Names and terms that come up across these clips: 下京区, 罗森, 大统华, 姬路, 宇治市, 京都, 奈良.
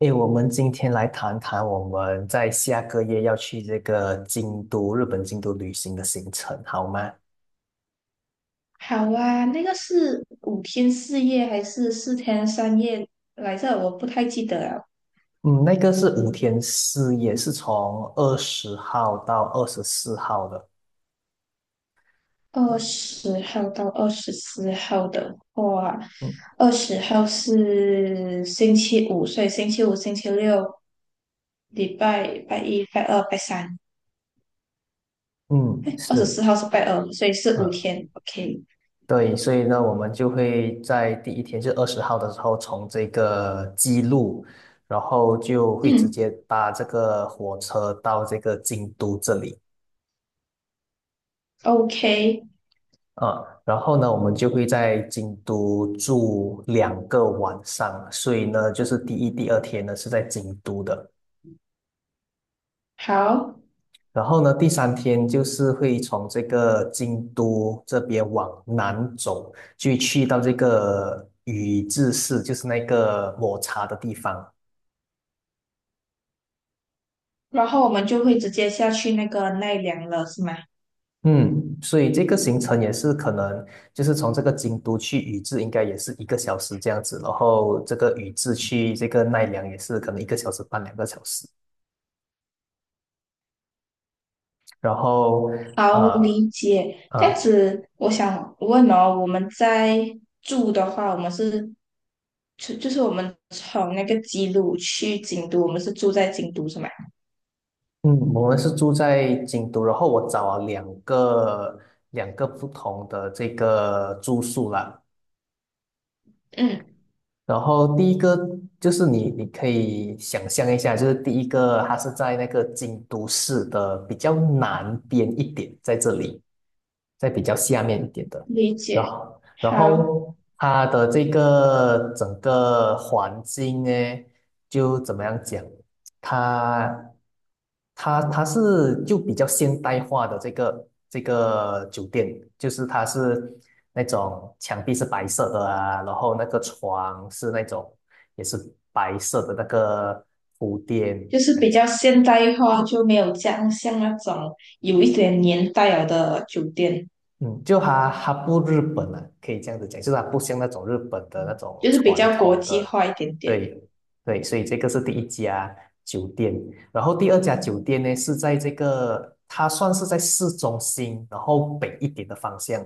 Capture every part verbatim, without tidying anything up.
诶，我们今天来谈谈我们在下个月要去这个京都，日本京都旅行的行程，好吗？好啊，那个是五天四夜还是四天三夜来着？我不太记得了。嗯，那个是五天四夜，是从二十号到二十四号的。二嗯十号到二十四号的话，嗯，二十号是星期五，所以星期五、星期六、礼拜拜一、拜二、拜三。嗯二十四是，号是拜二，所以是五嗯，天。OK，对，所以呢，我们就会在第一天，就二十号的时候，从这个姬路，然后就会直接嗯搭这个火车到这个京都这里。，OK，啊，然后呢，我们就会在京都住两个晚上，所以呢，就是第一、第二天呢是在京都的。好。然后呢，第三天就是会从这个京都这边往南走，就去到这个宇治市，就是那个抹茶的地方。然后我们就会直接下去那个奈良了，是吗？嗯，所以这个行程也是可能就是从这个京都去宇治，应该也是一个小时这样子。然后这个宇治去这个奈良也是可能一个小时半、两个小时。然后好，呃理解。这样呃，子，我想问哦，我们在住的话，我们是就就是我们从那个吉鲁去京都，我们是住在京都是吗？嗯，我们是住在京都，然后我找了两个两个不同的这个住宿了。嗯，然后第一个就是你，你可以想象一下，就是第一个它是在那个京都市的比较南边一点，在这里，在比较下面一点的。理然解，后然好，后它的这个整个环境呢，就怎么样讲，它它它是就比较现代化的这个这个酒店，就是它是。那种墙壁是白色的啊，然后那个床是那种也是白色的那个铺垫。就是比较现代化，就没有这样像那种有一点年代了的酒店，嗯，就它它不日本啊，可以这样子讲，就是它不像那种日本的那种就是比传较国统际的。化一点点。对对，所以这个是第一家酒店。然后第二家酒店呢是在这个它算是在市中心，然后北一点的方向。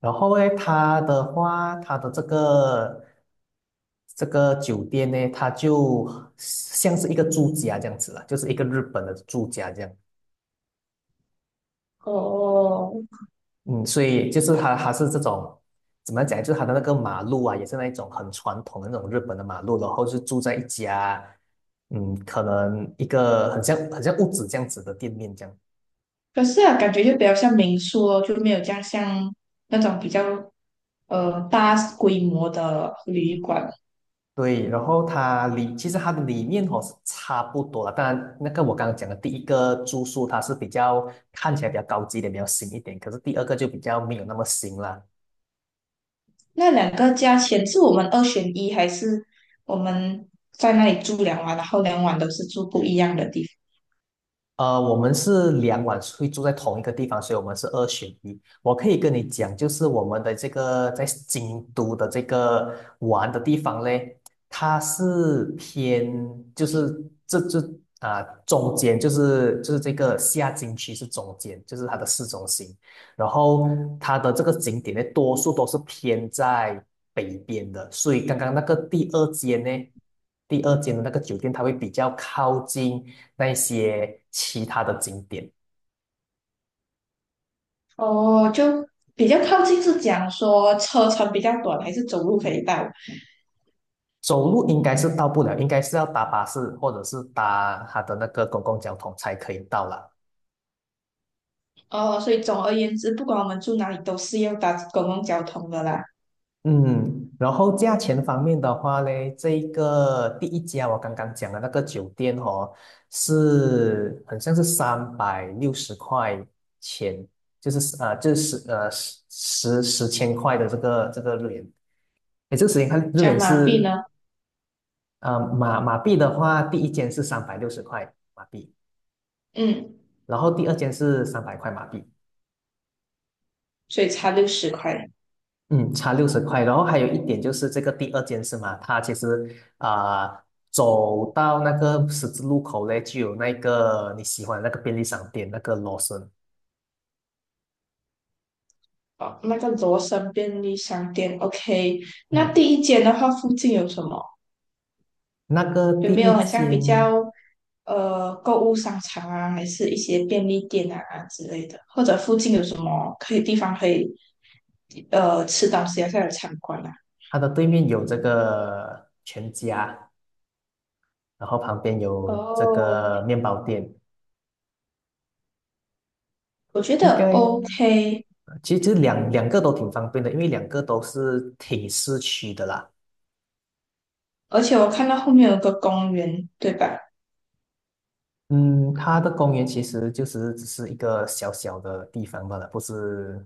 然后呢，它的话，它的这个这个酒店呢，它就像是一个住家这样子了，就是一个日本的住家这样。哦，嗯，所以就是它它是这种怎么讲，就是它的那个马路啊，也是那一种很传统的那种日本的马路，然后是住在一家嗯，可能一个很像很像屋子这样子的店面这样。可是啊，感觉就比较像民宿哦，就没有这样像那种比较呃大规模的旅馆。对，然后它里其实它的里面哦是差不多了，当然那个我刚刚讲的第一个住宿它是比较看起来比较高级一点，比较新一点，可是第二个就比较没有那么新了。那两个价钱是我们二选一，还是我们在那里住两晚，然后两晚都是住不一样的地呃，我们是两晚会住在同一个地方，所以我们是二选一。我可以跟你讲，就是我们的这个在京都的这个玩的地方嘞，它是偏就是这这啊、中间就是就是这个下京区是中间，就是它的市中心。然后它的这个景点呢，多数都是偏在北边的。所以刚刚那个第二间呢，第二间的那个酒店，它会比较靠近那些其他的景点。方？哦，就比较靠近是讲说车程比较短，还是走路可以到？走路应该是到不了，应该是要搭巴士或者是搭它的那个公共交通才可以到了。哦，所以总而言之，不管我们住哪里，都是要搭公共交通的啦。嗯，然后价钱方面的话呢，这一个第一家我刚刚讲的那个酒店哦，是很像是三百六十块钱，就是呃，就是呃十十十千块的这个这个日元。诶，这个时间看日这样元马币是呢？呃马马币的话，第一间是三百六十块马币，嗯，然后第二间是三百块马币。所以差六十块。嗯，差六十块，然后还有一点就是这个第二间是吗？它其实啊、走到那个十字路口嘞，就有那个你喜欢的那个便利商店，那个罗森。哦，那个罗森便利商店，OK。那嗯，第一间的话，附近有什么？那个第有没一有很像比间，较呃购物商场啊，还是一些便利店啊之类的？或者附近有什么可以地方可以呃吃东西啊，或者参观啊？它的对面有这个全家，然后旁边有这哦，个面包店。我觉应得 该 OK。其实其实两两个都挺方便的，因为两个都是挺市区的啦。而且我看到后面有个公园，对吧？嗯，它的公园其实就是只是一个小小的地方罢了，不是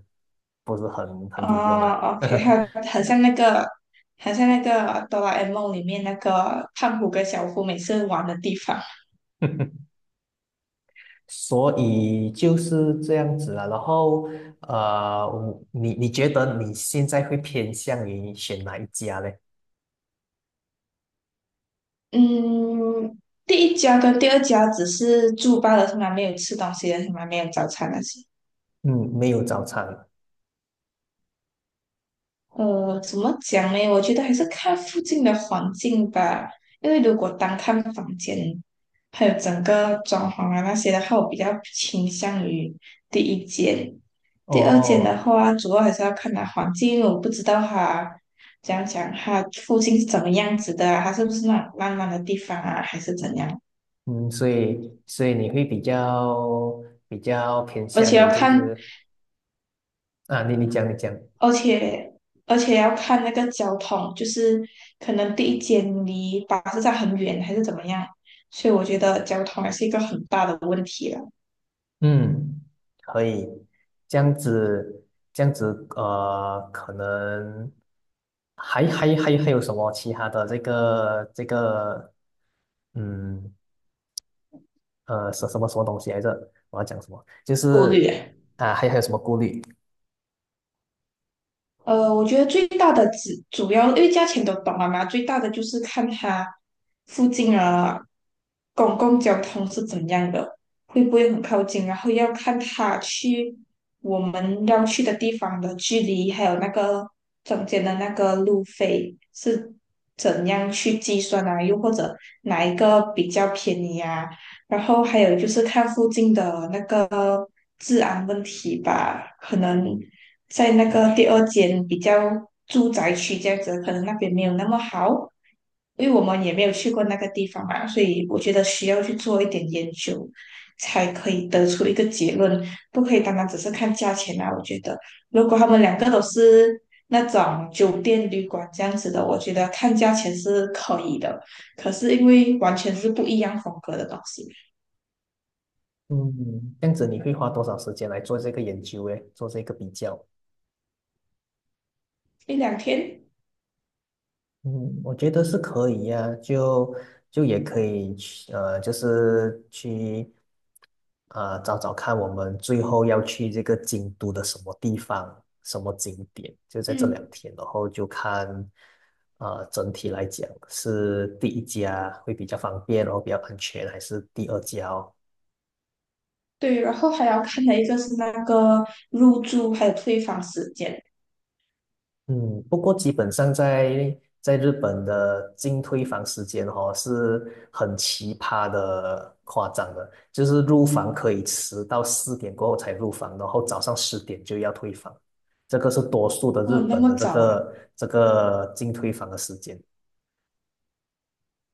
不是很很有用哦 啊。o k， 还有很像那个，很像那个哆啦 A 梦里面那个胖虎跟小夫每次玩的地方。所以就是这样子啊。然后呃，我你你觉得你现在会偏向于选哪一家嘞？嗯，第一家跟第二家只是住罢了，从来没有吃东西的，从来没有早餐那些。嗯，没有早餐呃，怎么讲呢？我觉得还是看附近的环境吧，因为如果单看房间，还有整个装潢啊那些的话，我比较倾向于第一间。第二间的哦。话，主要还是要看它环境，因为我不知道它怎样讲，它附近是怎么样子的啊，它是不是那种烂烂的地方啊，还是怎样？嗯，所以所以你会比较比较偏而向且要于就看。是啊，你你讲你讲，而且而且要看那个交通，就是可能第一间离巴士站很远，还是怎么样，所以我觉得交通还是一个很大的问题了，嗯，可以，这样子，这样子。呃，可能还还还还有什么其他的这个这个，嗯呃，什什么什么东西来着？我要讲什么？就顾虑。是啊，还还有什么顾虑？呃，我觉得最大的只主要因为价钱都懂了嘛，最大的就是看它附近啊，公共交通是怎样的，会不会很靠近，然后要看它去我们要去的地方的距离，还有那个中间的那个路费是怎样去计算啊，又或者哪一个比较便宜啊，然后还有就是看附近的那个治安问题吧，可能在那个第二间比较住宅区这样子，可能那边没有那么好，因为我们也没有去过那个地方嘛，所以我觉得需要去做一点研究，才可以得出一个结论，不可以单单只是看价钱啊。我觉得如果他们两个都是那种酒店旅馆这样子的，我觉得看价钱是可以的。可是因为完全是不一样风格的东西，嗯，这样子你会花多少时间来做这个研究诶，做这个比较？一两天，嗯，我觉得是可以呀、就就也可以去，呃，就是去，呃，找找看我们最后要去这个京都的什么地方、什么景点，就在这两嗯，天，然后就看，呃，整体来讲是第一家会比较方便，然后比较安全，还是第二家哦。对，然后还要看的一个是那个入住还有退房时间，嗯，不过基本上在在日本的进退房时间哦是很奇葩的、夸张的。就是入房可以迟到四点过后才入房，然后早上十点就要退房。这个是多数的日哦，那本么的这早啊！个这个进退房的时间。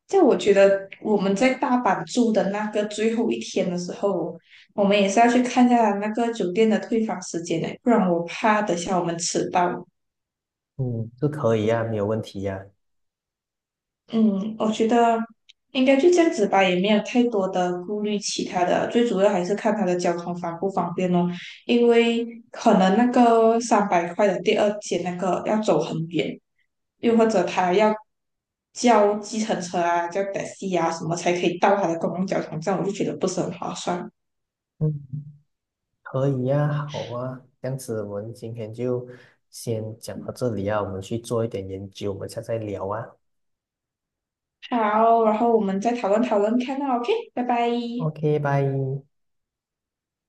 在我觉得我们在大阪住的那个最后一天的时候，我们也是要去看一下那个酒店的退房时间的，不然我怕等下我们迟到。嗯，是可以呀、没有问题呀、嗯，我觉得应该就这样子吧，也没有太多的顾虑其他的，最主要还是看它的交通方不方便咯。因为可能那个三百块的第二节那个要走很远，又或者他要叫计程车啊、叫 taxi 啊什么才可以到他的公共交通站，我就觉得不是很划算。嗯，可以呀、好啊，这样子我们今天就先讲到这里啊，我们去做一点研究，我们下次再聊啊。好，然后我们再讨论讨论看啊，OK，拜拜。OK，拜。